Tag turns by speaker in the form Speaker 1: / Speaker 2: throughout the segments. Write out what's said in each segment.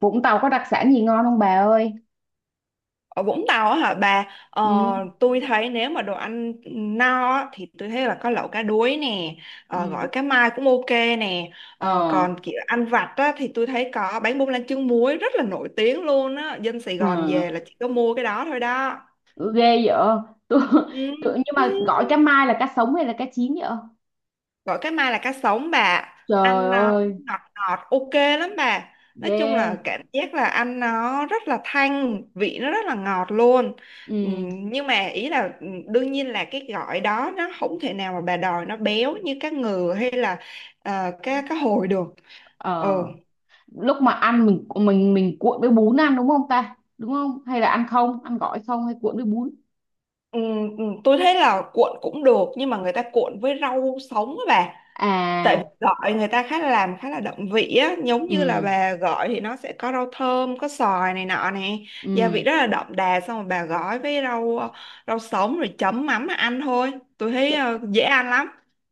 Speaker 1: Vũng Tàu có đặc sản gì ngon không bà ơi?
Speaker 2: Ở Vũng Tàu á hả bà, ờ,
Speaker 1: Ừ.
Speaker 2: tôi thấy nếu mà đồ ăn no á, thì tôi thấy là có lẩu cá đuối nè,
Speaker 1: Ừ.
Speaker 2: gỏi cá mai cũng ok nè,
Speaker 1: Ờ.
Speaker 2: còn kiểu ăn vặt á, thì tôi thấy có bánh bông lan trứng muối rất là nổi tiếng luôn á, dân Sài Gòn
Speaker 1: Ừ.
Speaker 2: về là chỉ có mua cái đó thôi đó.
Speaker 1: Ừ, ghê vậy. Tôi,
Speaker 2: Ừ.
Speaker 1: tôi Nhưng mà gọi cá mai là cá sống hay là cá chín vậy?
Speaker 2: Gỏi cá mai là cá sống bà,
Speaker 1: Trời
Speaker 2: ăn nó
Speaker 1: ơi.
Speaker 2: ngọt ngọt ok lắm bà, nói
Speaker 1: Ghê.
Speaker 2: chung là cảm giác là ăn nó rất là thanh vị, nó rất là ngọt luôn.
Speaker 1: Ừ.
Speaker 2: Nhưng mà ý là, đương nhiên là cái gỏi đó nó không thể nào mà bà đòi nó béo như cá ngừ hay là ờ, cá cá hồi được. Ừ.
Speaker 1: Ờ. Lúc mà ăn mình cuộn với bún ăn, đúng không ta, đúng không? Hay là ăn không, ăn gỏi không, hay cuộn với bún?
Speaker 2: Tôi thấy là cuộn cũng được, nhưng mà người ta cuộn với rau sống á bà, tại vì
Speaker 1: À.
Speaker 2: gọi người ta khá là làm khá là động vị á, giống như là
Speaker 1: Ừ.
Speaker 2: bà gọi thì nó sẽ có rau thơm, có xoài này nọ nè, gia vị
Speaker 1: Ừ.
Speaker 2: rất là đậm đà, xong rồi bà gói với rau rau sống rồi chấm mắm mà ăn thôi. Tôi thấy
Speaker 1: Trời.
Speaker 2: dễ ăn lắm,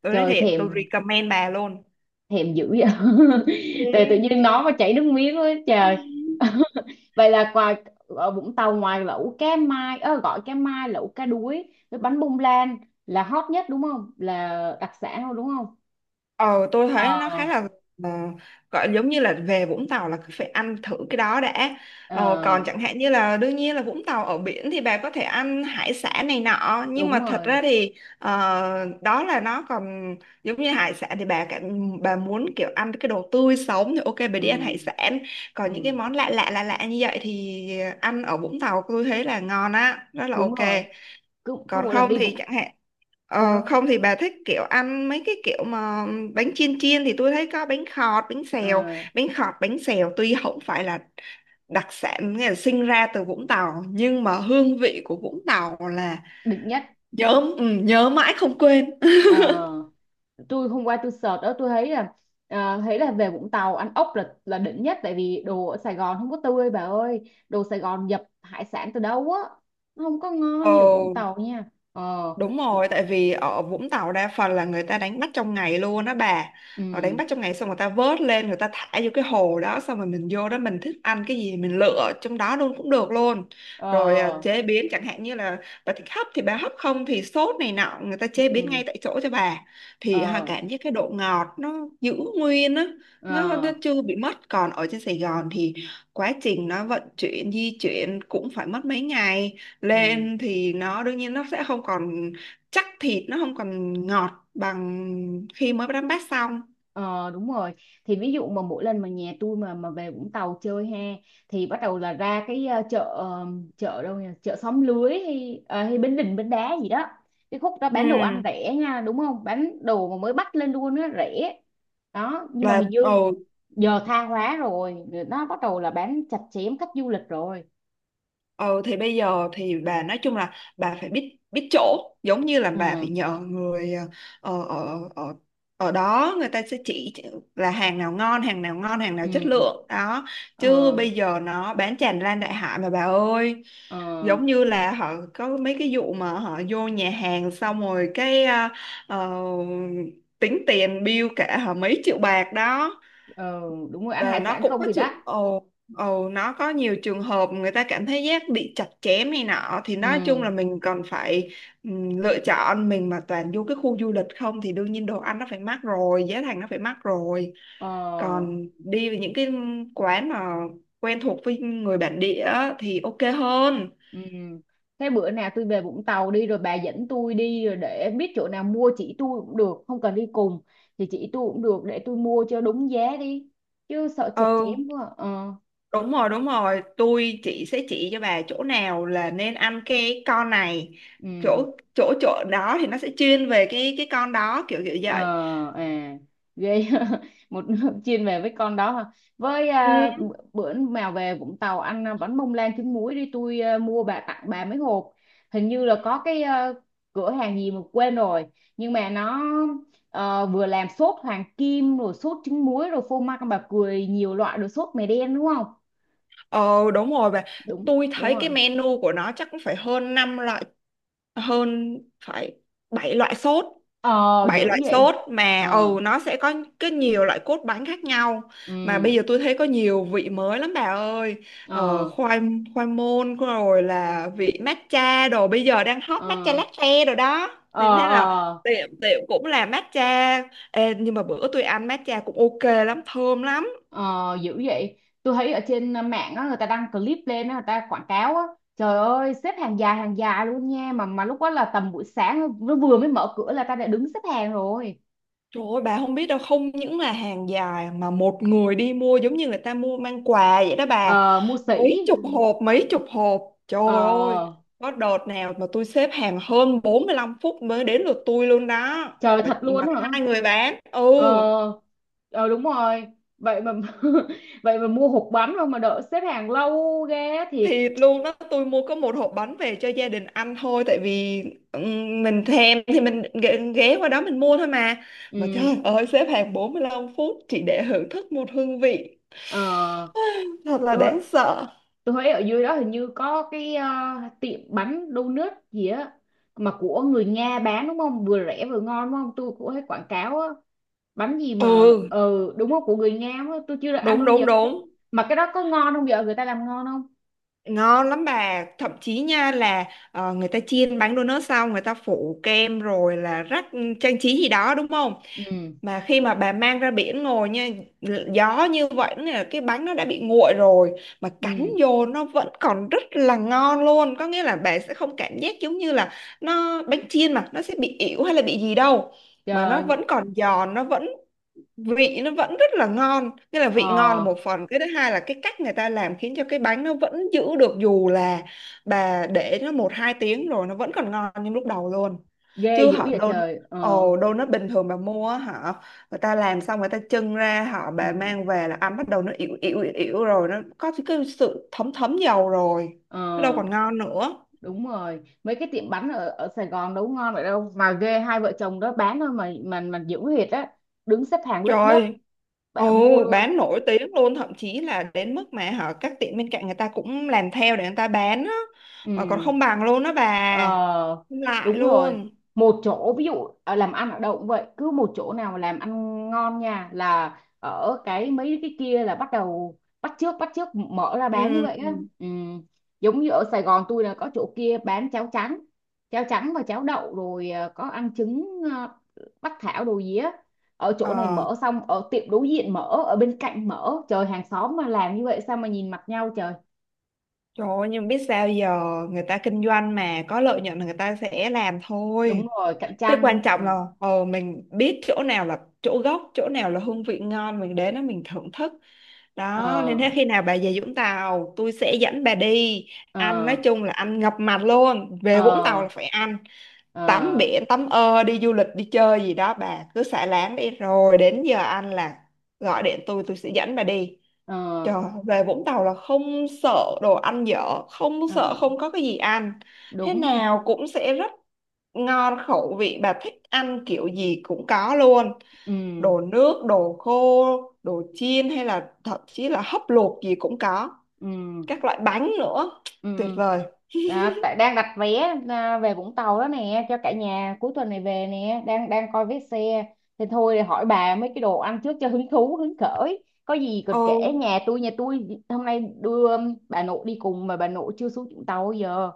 Speaker 2: tôi nói
Speaker 1: Trời,
Speaker 2: thiệt, tôi
Speaker 1: thèm,
Speaker 2: recommend bà luôn.
Speaker 1: thèm dữ vậy. Tự tự nhiên nói mà chảy nước miếng quá
Speaker 2: Ừ.
Speaker 1: trời. Vậy là ngoài, ở Vũng Tàu ngoài lẩu cá mai, ơ, gọi cá mai, lẩu cá đuối với bánh bông lan là hot nhất đúng không, là đặc sản thôi đúng không?
Speaker 2: Ờ tôi
Speaker 1: Ờ.
Speaker 2: thấy nó khá là ờ, gọi giống như là về Vũng Tàu là cứ phải ăn thử cái đó đã.
Speaker 1: Ờ,
Speaker 2: Còn chẳng hạn như là, đương nhiên là Vũng Tàu ở biển thì bà có thể ăn hải sản này nọ, nhưng
Speaker 1: đúng
Speaker 2: mà thật
Speaker 1: rồi.
Speaker 2: ra thì đó là nó còn giống như hải sản, thì bà cảm, bà muốn kiểu ăn cái đồ tươi sống thì ok, bà
Speaker 1: Ừ.
Speaker 2: đi ăn hải sản. Còn những cái
Speaker 1: Ừ,
Speaker 2: món lạ lạ lạ lạ như vậy thì ăn ở Vũng Tàu tôi thấy là ngon á, rất là
Speaker 1: đúng
Speaker 2: ok.
Speaker 1: rồi. Cứ cứ
Speaker 2: Còn
Speaker 1: mỗi lần
Speaker 2: không
Speaker 1: đi
Speaker 2: thì
Speaker 1: Vũng...
Speaker 2: chẳng hạn,
Speaker 1: Sao?
Speaker 2: không thì bà thích kiểu ăn mấy cái kiểu mà bánh chiên chiên thì tôi thấy có bánh khọt, bánh xèo,
Speaker 1: Ờ.
Speaker 2: bánh khọt, bánh xèo tuy không phải là đặc sản, nghĩa là sinh ra từ Vũng Tàu, nhưng mà hương vị của Vũng Tàu là
Speaker 1: Đỉnh nhất.
Speaker 2: nhớ, ừ, nhớ mãi không quên.
Speaker 1: Ờ. Tôi hôm qua tôi search đó, tôi thấy là, à, thấy là về Vũng Tàu ăn ốc là đỉnh nhất. Tại vì đồ ở Sài Gòn không có tươi bà ơi, đồ Sài Gòn nhập hải sản từ đâu á, nó không có ngon
Speaker 2: Ồ.
Speaker 1: như ở Vũng Tàu nha. Ờ.
Speaker 2: Đúng
Speaker 1: Thì.
Speaker 2: rồi, tại vì ở Vũng Tàu đa phần là người ta đánh bắt trong ngày luôn đó bà. Họ đánh
Speaker 1: Ừ.
Speaker 2: bắt trong ngày xong người ta vớt lên, người ta thả vô cái hồ đó, xong rồi mình vô đó mình thích ăn cái gì mình lựa trong đó luôn cũng được luôn.
Speaker 1: Ờ.
Speaker 2: Rồi à, chế biến chẳng hạn như là bà thích hấp thì bà hấp, không thì sốt này nọ, người ta chế
Speaker 1: Ừ.
Speaker 2: biến ngay tại chỗ cho bà. Thì ha,
Speaker 1: Ờ.
Speaker 2: cảm giác cái độ ngọt nó giữ nguyên á, nó
Speaker 1: Ờ.
Speaker 2: chưa bị mất. Còn ở trên Sài Gòn thì quá trình nó vận chuyển di chuyển cũng phải mất mấy ngày
Speaker 1: Ừ.
Speaker 2: lên, thì nó đương nhiên nó sẽ không còn chắc thịt, nó không còn ngọt bằng khi mới đánh bát xong.
Speaker 1: Ờ, đúng rồi. Thì ví dụ mà mỗi lần mà nhà tôi mà về Vũng Tàu chơi ha, thì bắt đầu là ra cái, chợ đâu nhỉ, chợ xóm lưới hay, à, hay Bến Đình Bến Đá gì đó. Cái khúc đó bán đồ ăn
Speaker 2: ừ
Speaker 1: rẻ nha, đúng không, bán đồ mà mới bắt lên luôn á, rẻ đó. Nhưng mà hình
Speaker 2: là
Speaker 1: như
Speaker 2: ừ,
Speaker 1: giờ tha hóa rồi, nó bắt đầu là bán chặt chém khách du lịch rồi.
Speaker 2: Ừ thì bây giờ thì bà nói chung là bà phải biết biết chỗ, giống như là bà
Speaker 1: Ừ.
Speaker 2: phải nhờ người ờ, ở ở ở đó, người ta sẽ chỉ là hàng nào ngon, hàng nào ngon, hàng nào chất
Speaker 1: Ừ.
Speaker 2: lượng đó.
Speaker 1: Ờ.
Speaker 2: Chứ bây giờ nó bán tràn lan đại hải mà bà ơi.
Speaker 1: Ờ.
Speaker 2: Giống như là họ có mấy cái vụ mà họ vô nhà hàng xong rồi cái ờ, tính tiền bill cả họ mấy triệu bạc đó.
Speaker 1: Ờ, đúng rồi, ăn
Speaker 2: Ờ,
Speaker 1: hải
Speaker 2: nó
Speaker 1: sản
Speaker 2: cũng
Speaker 1: không
Speaker 2: có
Speaker 1: thì đắt.
Speaker 2: trường ồ ồ nó có nhiều trường hợp người ta cảm thấy giác bị chặt chém này nọ, thì
Speaker 1: Ừ.
Speaker 2: nói chung là mình còn phải lựa chọn. Mình mà toàn vô cái khu du lịch không thì đương nhiên đồ ăn nó phải mắc rồi, giá thành nó phải mắc rồi.
Speaker 1: Ờ.
Speaker 2: Còn đi với những cái quán mà quen thuộc với người bản địa á thì ok hơn.
Speaker 1: Ừ. Thế bữa nào tôi về Vũng Tàu đi rồi bà dẫn tôi đi rồi để biết chỗ nào mua, chỉ tôi cũng được, không cần đi cùng thì chỉ tôi cũng được, để tôi mua cho đúng giá đi, chứ sợ chặt
Speaker 2: Ừ.
Speaker 1: chém quá. Ờ.
Speaker 2: Đúng rồi, đúng rồi. Tôi chị sẽ chỉ cho bà chỗ nào là nên ăn cái con này. Chỗ
Speaker 1: Ừ.
Speaker 2: chỗ chỗ đó thì nó sẽ chuyên về cái con đó, kiểu kiểu
Speaker 1: Ờ.
Speaker 2: vậy.
Speaker 1: À. Ghê. Một nước chuyên về với con đó hả? Với,
Speaker 2: Ừ.
Speaker 1: à, bữa nào về Vũng Tàu ăn, à, bánh bông lan trứng muối đi, tôi, à, mua bà, tặng bà mấy hộp. Hình như là có cái, à, cửa hàng gì mà quên rồi, nhưng mà nó, vừa làm sốt hoàng kim rồi sốt trứng muối rồi phô mai con bà cười nhiều loại rồi sốt mè đen, đúng không?
Speaker 2: Ờ đúng rồi bà.
Speaker 1: Đúng,
Speaker 2: Tôi
Speaker 1: đúng
Speaker 2: thấy cái
Speaker 1: rồi.
Speaker 2: menu của nó chắc cũng phải hơn 5 loại, hơn, phải 7 loại sốt.
Speaker 1: Ờ,
Speaker 2: Bảy
Speaker 1: dữ
Speaker 2: loại
Speaker 1: vậy.
Speaker 2: sốt, mà
Speaker 1: Ờ.
Speaker 2: ừ, nó sẽ có cái nhiều loại cốt bánh khác nhau. Mà bây
Speaker 1: Ừ.
Speaker 2: giờ tôi thấy có nhiều vị mới lắm bà ơi, ờ,
Speaker 1: Ờ.
Speaker 2: khoai khoai môn rồi là vị matcha đồ, bây giờ đang hot matcha
Speaker 1: Ờ.
Speaker 2: latte rồi đó,
Speaker 1: Ờ.
Speaker 2: nên thế
Speaker 1: Ờ.
Speaker 2: là tiệm tiệm cũng là matcha. Ê, nhưng mà bữa tôi ăn matcha cũng ok lắm, thơm lắm.
Speaker 1: Ờ, dữ vậy. Tôi thấy ở trên, mạng á, người ta đăng clip lên á, người ta quảng cáo á, trời ơi xếp hàng dài, hàng dài luôn nha, mà lúc đó là tầm buổi sáng nó vừa mới mở cửa là ta đã đứng xếp hàng rồi.
Speaker 2: Trời ơi, bà không biết đâu, không những là hàng dài mà một người đi mua giống như người ta mua mang quà vậy đó bà.
Speaker 1: Ờ, mua
Speaker 2: Mấy
Speaker 1: sỉ.
Speaker 2: chục hộp, mấy chục hộp. Trời
Speaker 1: Ờ,
Speaker 2: ơi, có đợt nào mà tôi xếp hàng hơn 45 phút mới đến lượt tôi luôn đó.
Speaker 1: trời, thật
Speaker 2: Mà
Speaker 1: luôn á hả.
Speaker 2: hai người bán, ừ,
Speaker 1: Ờ. Ờ, đúng rồi. Vậy mà, vậy mà mua hộp bánh không mà đợi xếp hàng lâu ghê thiệt.
Speaker 2: thịt luôn đó. Tôi mua có một hộp bánh về cho gia đình ăn thôi, tại vì mình thèm thì mình ghé ghé qua đó mình mua thôi mà. Mà
Speaker 1: Ừ.
Speaker 2: trời ơi, xếp hàng 45 phút chỉ để hưởng thức một hương vị.
Speaker 1: Ờ.
Speaker 2: Thật là
Speaker 1: Tôi.
Speaker 2: đáng sợ.
Speaker 1: Tôi thấy ở dưới đó hình như có cái, tiệm bánh donut gì á, mà của người Nga bán đúng không? Vừa rẻ vừa ngon đúng không? Tôi cũng thấy quảng cáo á, bánh gì mà
Speaker 2: Ừ,
Speaker 1: ừ đúng không, của người Nga á, tôi chưa được ăn
Speaker 2: đúng
Speaker 1: bao giờ
Speaker 2: đúng
Speaker 1: đó.
Speaker 2: đúng.
Speaker 1: Mà cái đó có ngon không vợ? Người ta làm ngon không?
Speaker 2: Ngon lắm bà, thậm chí nha là người ta chiên bánh donut xong người ta phủ kem rồi là rắc trang trí gì đó đúng không,
Speaker 1: Ừ.
Speaker 2: mà khi mà bà mang ra biển ngồi nha, gió như vậy là cái bánh nó đã bị nguội rồi, mà cắn
Speaker 1: Ừ.
Speaker 2: vô nó vẫn còn rất là ngon luôn, có nghĩa là bà sẽ không cảm giác giống như là nó bánh chiên mà nó sẽ bị ỉu hay là bị gì đâu, mà nó
Speaker 1: Trời.
Speaker 2: vẫn còn giòn, nó vẫn vị nó vẫn rất là ngon. Nghĩa là vị ngon là
Speaker 1: Ờ.
Speaker 2: một phần, cái thứ hai là cái cách người ta làm khiến cho cái bánh nó vẫn giữ được, dù là bà để nó một hai tiếng rồi nó vẫn còn ngon như lúc đầu luôn.
Speaker 1: Ghê
Speaker 2: Chứ
Speaker 1: dữ
Speaker 2: họ
Speaker 1: vậy
Speaker 2: đôn,
Speaker 1: trời. Ờ.
Speaker 2: đôn nó bình thường bà mua á, họ, người ta làm xong người ta trưng ra, họ bà
Speaker 1: Ừ.
Speaker 2: mang về là ăn, bắt đầu nó ỉu ỉu ỉu ỉu rồi, nó có cái sự thấm thấm dầu rồi,
Speaker 1: Ờ,
Speaker 2: nó đâu còn ngon nữa.
Speaker 1: đúng rồi. Mấy cái tiệm bánh ở ở Sài Gòn đâu có ngon vậy đâu, mà ghê, hai vợ chồng đó bán thôi mà dữ thiệt á, đứng xếp hàng lớp lớp
Speaker 2: Trời, ừ,
Speaker 1: bạn mua luôn.
Speaker 2: bán nổi tiếng luôn, thậm chí là đến mức mà hả, các tiệm bên cạnh người ta cũng làm theo để người ta bán á, mà còn
Speaker 1: Ừ.
Speaker 2: không bằng luôn đó bà,
Speaker 1: Ờ,
Speaker 2: không lại
Speaker 1: đúng rồi.
Speaker 2: luôn.
Speaker 1: Một chỗ ví dụ, làm ăn ở đâu cũng vậy, cứ một chỗ nào mà làm ăn ngon nha là ở cái mấy cái kia là bắt đầu bắt chước, bắt chước mở ra
Speaker 2: Ừ.
Speaker 1: bán như vậy á. Ừ. Giống như ở Sài Gòn tôi là có chỗ kia bán cháo trắng, và cháo đậu rồi, có ăn trứng, bắc thảo đồ gì á, ở chỗ này
Speaker 2: Ờ,
Speaker 1: mở xong ở tiệm đối diện mở, ở bên cạnh mở, trời, hàng xóm mà làm như vậy sao mà nhìn mặt nhau, trời.
Speaker 2: trời ơi, nhưng biết sao giờ, người ta kinh doanh mà có lợi nhuận là người ta sẽ làm
Speaker 1: Đúng
Speaker 2: thôi.
Speaker 1: rồi, cạnh
Speaker 2: Cái quan
Speaker 1: tranh. Ừ.
Speaker 2: trọng là mình biết chỗ nào là chỗ gốc, chỗ nào là hương vị ngon, mình đến đó mình thưởng thức đó. Nên thế
Speaker 1: Ờ.
Speaker 2: khi nào bà về Vũng Tàu tôi sẽ dẫn bà đi ăn, nói
Speaker 1: Ờ.
Speaker 2: chung là ăn ngập mặt luôn.
Speaker 1: Ờ.
Speaker 2: Về Vũng Tàu là phải ăn, tắm
Speaker 1: Ờ.
Speaker 2: biển, tắm, ơ, đi du lịch đi chơi gì đó, bà cứ xả láng đi, rồi đến giờ ăn là gọi điện tôi sẽ dẫn bà đi.
Speaker 1: Ờ.
Speaker 2: Trời, về Vũng Tàu là không sợ đồ ăn dở, không
Speaker 1: Ờ.
Speaker 2: sợ không có cái gì ăn. Thế
Speaker 1: Đúng.
Speaker 2: nào cũng sẽ rất ngon khẩu vị, bà thích ăn kiểu gì cũng có luôn.
Speaker 1: Ừ.
Speaker 2: Đồ nước, đồ khô, đồ chiên hay là thậm chí là hấp luộc gì cũng có.
Speaker 1: Ừ.
Speaker 2: Các loại bánh nữa,
Speaker 1: Ừ.
Speaker 2: tuyệt vời.
Speaker 1: À, tại đang đặt vé, à, về Vũng Tàu đó nè cho cả nhà cuối tuần này về nè, đang đang coi vé xe. Thì thôi hỏi bà mấy cái đồ ăn trước cho hứng thú hứng khởi, có gì còn kể.
Speaker 2: Ừ.
Speaker 1: Nhà tôi hôm nay đưa bà nội đi cùng, mà bà nội chưa xuống Vũng Tàu bao giờ.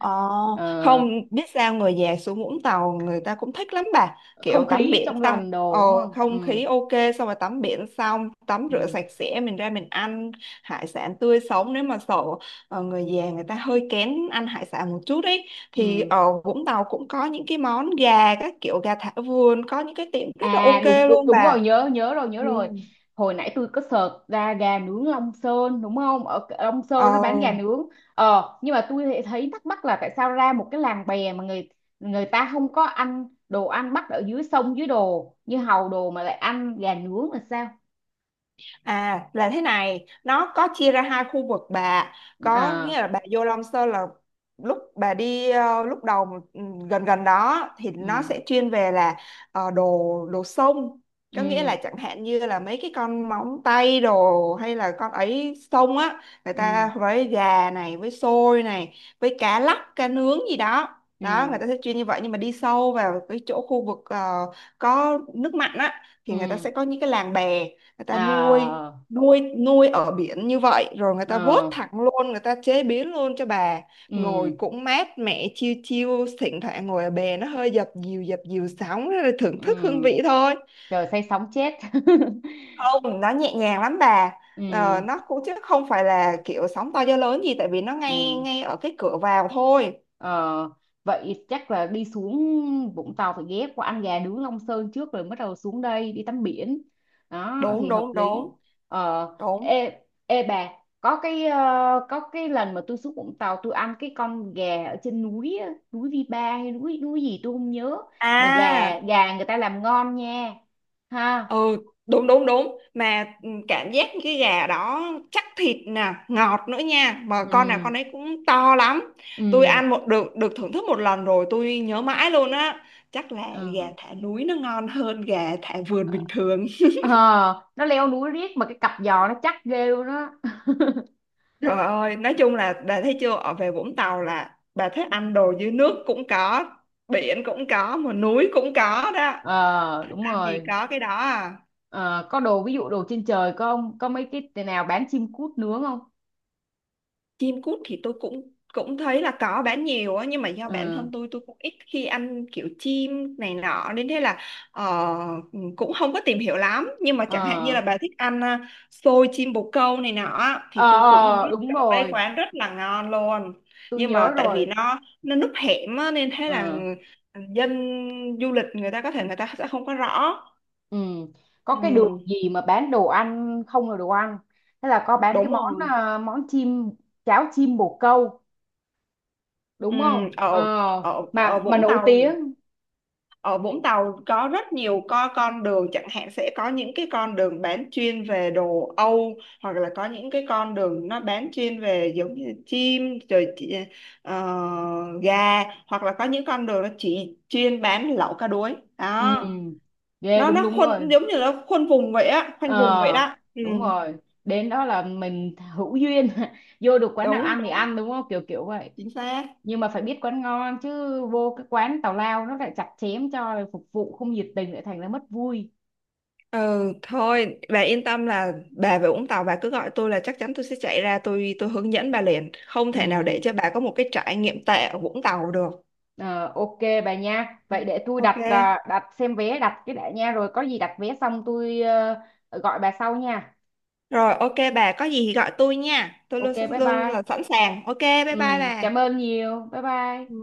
Speaker 2: Ờ,
Speaker 1: Ờ,
Speaker 2: không biết sao người già xuống Vũng Tàu người ta cũng thích lắm bà, kiểu
Speaker 1: không
Speaker 2: tắm
Speaker 1: khí
Speaker 2: biển
Speaker 1: trong
Speaker 2: xong
Speaker 1: lành đồ đúng không.
Speaker 2: không
Speaker 1: Ừ.
Speaker 2: khí ok, xong rồi tắm biển xong tắm
Speaker 1: Ừ.
Speaker 2: rửa sạch sẽ mình ra mình ăn hải sản tươi sống. Nếu mà sợ người già người ta hơi kén ăn hải sản một chút ấy, thì
Speaker 1: Ừ.
Speaker 2: ở Vũng Tàu cũng có những cái món gà, các kiểu gà thả vườn, có những cái tiệm rất là
Speaker 1: À, đúng
Speaker 2: ok
Speaker 1: đúng
Speaker 2: luôn
Speaker 1: đúng
Speaker 2: bà.
Speaker 1: rồi, nhớ, nhớ rồi, nhớ
Speaker 2: Ừ.
Speaker 1: rồi, hồi nãy tôi có search ra gà nướng Long Sơn đúng không, ở Long Sơn nó
Speaker 2: Ờ.
Speaker 1: bán gà nướng. Ờ, nhưng mà tôi lại thấy thắc mắc là tại sao ra một cái làng bè mà người người ta không có ăn đồ ăn bắt ở dưới sông dưới đồ như hàu đồ, mà lại ăn gà nướng là sao?
Speaker 2: À là thế này, nó có chia ra hai khu vực bà, có nghĩa
Speaker 1: À.
Speaker 2: là bà vô Long Sơn là lúc bà đi lúc đầu, ừ, gần gần đó thì nó
Speaker 1: Ừ.
Speaker 2: sẽ chuyên về là đồ, đồ sông, có nghĩa
Speaker 1: Ừ.
Speaker 2: là chẳng hạn như là mấy cái con móng tay đồ hay là con ấy sông á, người
Speaker 1: Ừ.
Speaker 2: ta với gà này, với xôi này, với cá lóc, cá nướng gì đó. Đó, người
Speaker 1: Ừ.
Speaker 2: ta sẽ chuyên như vậy, nhưng mà đi sâu vào cái chỗ khu vực có nước mặn á thì người ta
Speaker 1: Ừ.
Speaker 2: sẽ có những cái làng bè, người ta nuôi,
Speaker 1: À.
Speaker 2: nuôi nuôi ở biển như vậy rồi người ta vớt
Speaker 1: Ờ.
Speaker 2: thẳng luôn, người ta chế biến luôn cho bà. Ngồi
Speaker 1: Ừ.
Speaker 2: cũng mát mẻ, chiêu chiêu, thỉnh thoảng ngồi ở bè nó hơi dập dìu sóng, rồi thưởng thức hương
Speaker 1: Ừ.
Speaker 2: vị thôi.
Speaker 1: Trời, say sóng chết.
Speaker 2: Không, nó nhẹ nhàng lắm bà,
Speaker 1: Ừ.
Speaker 2: nó cũng, chứ không phải là kiểu sóng to gió lớn gì, tại vì nó ngay
Speaker 1: Ừ.
Speaker 2: ngay ở cái cửa vào thôi.
Speaker 1: Ờ, vậy chắc là đi xuống Vũng Tàu phải ghé qua ăn gà nướng Long Sơn trước rồi bắt đầu xuống đây đi tắm biển, đó
Speaker 2: Đúng
Speaker 1: thì hợp
Speaker 2: đúng
Speaker 1: lý.
Speaker 2: đúng
Speaker 1: Ờ.
Speaker 2: đúng.
Speaker 1: Ê, ê bà, có cái lần mà tôi xuống Vũng Tàu tôi ăn cái con gà ở trên núi á, núi Vi Ba hay núi núi gì tôi không nhớ, mà gà
Speaker 2: À.
Speaker 1: gà người ta làm ngon nha, ha.
Speaker 2: Ừ, đúng đúng đúng. Mà ừ, cảm giác cái gà đó chắc thịt nè, ngọt nữa nha, mà con nào
Speaker 1: Ừ.
Speaker 2: con ấy cũng to lắm. Tôi
Speaker 1: Ừ.
Speaker 2: ăn một được, được thưởng thức một lần rồi tôi nhớ mãi luôn á. Chắc là gà
Speaker 1: Ờ.
Speaker 2: thả núi nó ngon hơn gà thả vườn bình thường.
Speaker 1: Ờ, nó leo núi riết mà cái cặp giò nó chắc ghê luôn á.
Speaker 2: Trời ơi, nói chung là bà thấy chưa, ở về Vũng Tàu là bà thích ăn đồ dưới nước cũng có, biển cũng có, mà núi cũng có đó.
Speaker 1: Ờ,
Speaker 2: Thích
Speaker 1: đúng
Speaker 2: ăn gì
Speaker 1: rồi.
Speaker 2: có cái đó à.
Speaker 1: Ờ, có đồ ví dụ đồ trên trời không, có mấy cái nào bán chim cút nướng không?
Speaker 2: Chim cút thì tôi cũng cũng thấy là có bán nhiều á, nhưng mà do bản
Speaker 1: Ừ.
Speaker 2: thân tôi cũng ít khi ăn kiểu chim này nọ, nên thế là ờ, cũng không có tìm hiểu lắm. Nhưng mà chẳng hạn như
Speaker 1: Ờ.
Speaker 2: là bà thích ăn xôi chim bồ câu này nọ á,
Speaker 1: Ờ.
Speaker 2: thì tôi cũng
Speaker 1: Ờ,
Speaker 2: biết
Speaker 1: đúng
Speaker 2: có mấy
Speaker 1: rồi,
Speaker 2: quán rất là ngon luôn.
Speaker 1: tôi
Speaker 2: Nhưng
Speaker 1: nhớ
Speaker 2: mà tại vì
Speaker 1: rồi.
Speaker 2: nó núp hẻm á, nên thế là
Speaker 1: Ừ.
Speaker 2: dân du lịch người ta có thể người ta sẽ không có rõ.
Speaker 1: Ừ. Có cái đường
Speaker 2: Ừ,
Speaker 1: gì mà bán đồ ăn không là đồ ăn, thế là có bán cái
Speaker 2: đúng
Speaker 1: món,
Speaker 2: rồi.
Speaker 1: món chim, cháo chim bồ câu
Speaker 2: Ừ,
Speaker 1: đúng không? Ờ,
Speaker 2: ở ở, ở
Speaker 1: mà
Speaker 2: Vũng
Speaker 1: nổi
Speaker 2: Tàu,
Speaker 1: tiếng.
Speaker 2: ở Vũng Tàu có rất nhiều, có con đường chẳng hạn sẽ có những cái con đường bán chuyên về đồ Âu, hoặc là có những cái con đường nó bán chuyên về giống như chim rồi ờ, gà, hoặc là có những con đường nó chỉ chuyên bán lẩu cá đuối
Speaker 1: Ừ.
Speaker 2: đó.
Speaker 1: Ghê,
Speaker 2: nó
Speaker 1: đúng,
Speaker 2: nó
Speaker 1: đúng rồi.
Speaker 2: khuôn giống như là khuôn vùng vậy á, khoanh vùng vậy
Speaker 1: Ờ,
Speaker 2: đó. Ừ.
Speaker 1: đúng rồi, đến đó là mình hữu duyên, vô được quán nào
Speaker 2: Đúng
Speaker 1: ăn thì
Speaker 2: đúng,
Speaker 1: ăn, đúng không, kiểu kiểu vậy.
Speaker 2: chính xác.
Speaker 1: Nhưng mà phải biết quán ngon chứ, vô cái quán tào lao nó lại chặt chém cho rồi phục vụ không nhiệt tình lại thành ra mất vui.
Speaker 2: Ừ, thôi bà yên tâm là bà về Vũng Tàu bà cứ gọi tôi là chắc chắn tôi sẽ chạy ra, tôi hướng dẫn bà liền, không thể nào để
Speaker 1: Ừ.
Speaker 2: cho bà có một cái trải nghiệm tệ ở Vũng Tàu được.
Speaker 1: Ờ, ok bà nha, vậy để tôi
Speaker 2: Ok.
Speaker 1: đặt, à, đặt xem vé, đặt cái đã nha, rồi có gì đặt vé xong tôi, gọi bà sau nha.
Speaker 2: Rồi ok bà, có gì thì gọi tôi nha, tôi
Speaker 1: Ok,
Speaker 2: luôn sẵn
Speaker 1: bye
Speaker 2: luôn,
Speaker 1: bye.
Speaker 2: là sẵn sàng. Ok, bye bye
Speaker 1: Ừ.
Speaker 2: bà.
Speaker 1: Cảm ơn nhiều, bye bye.
Speaker 2: Ừ.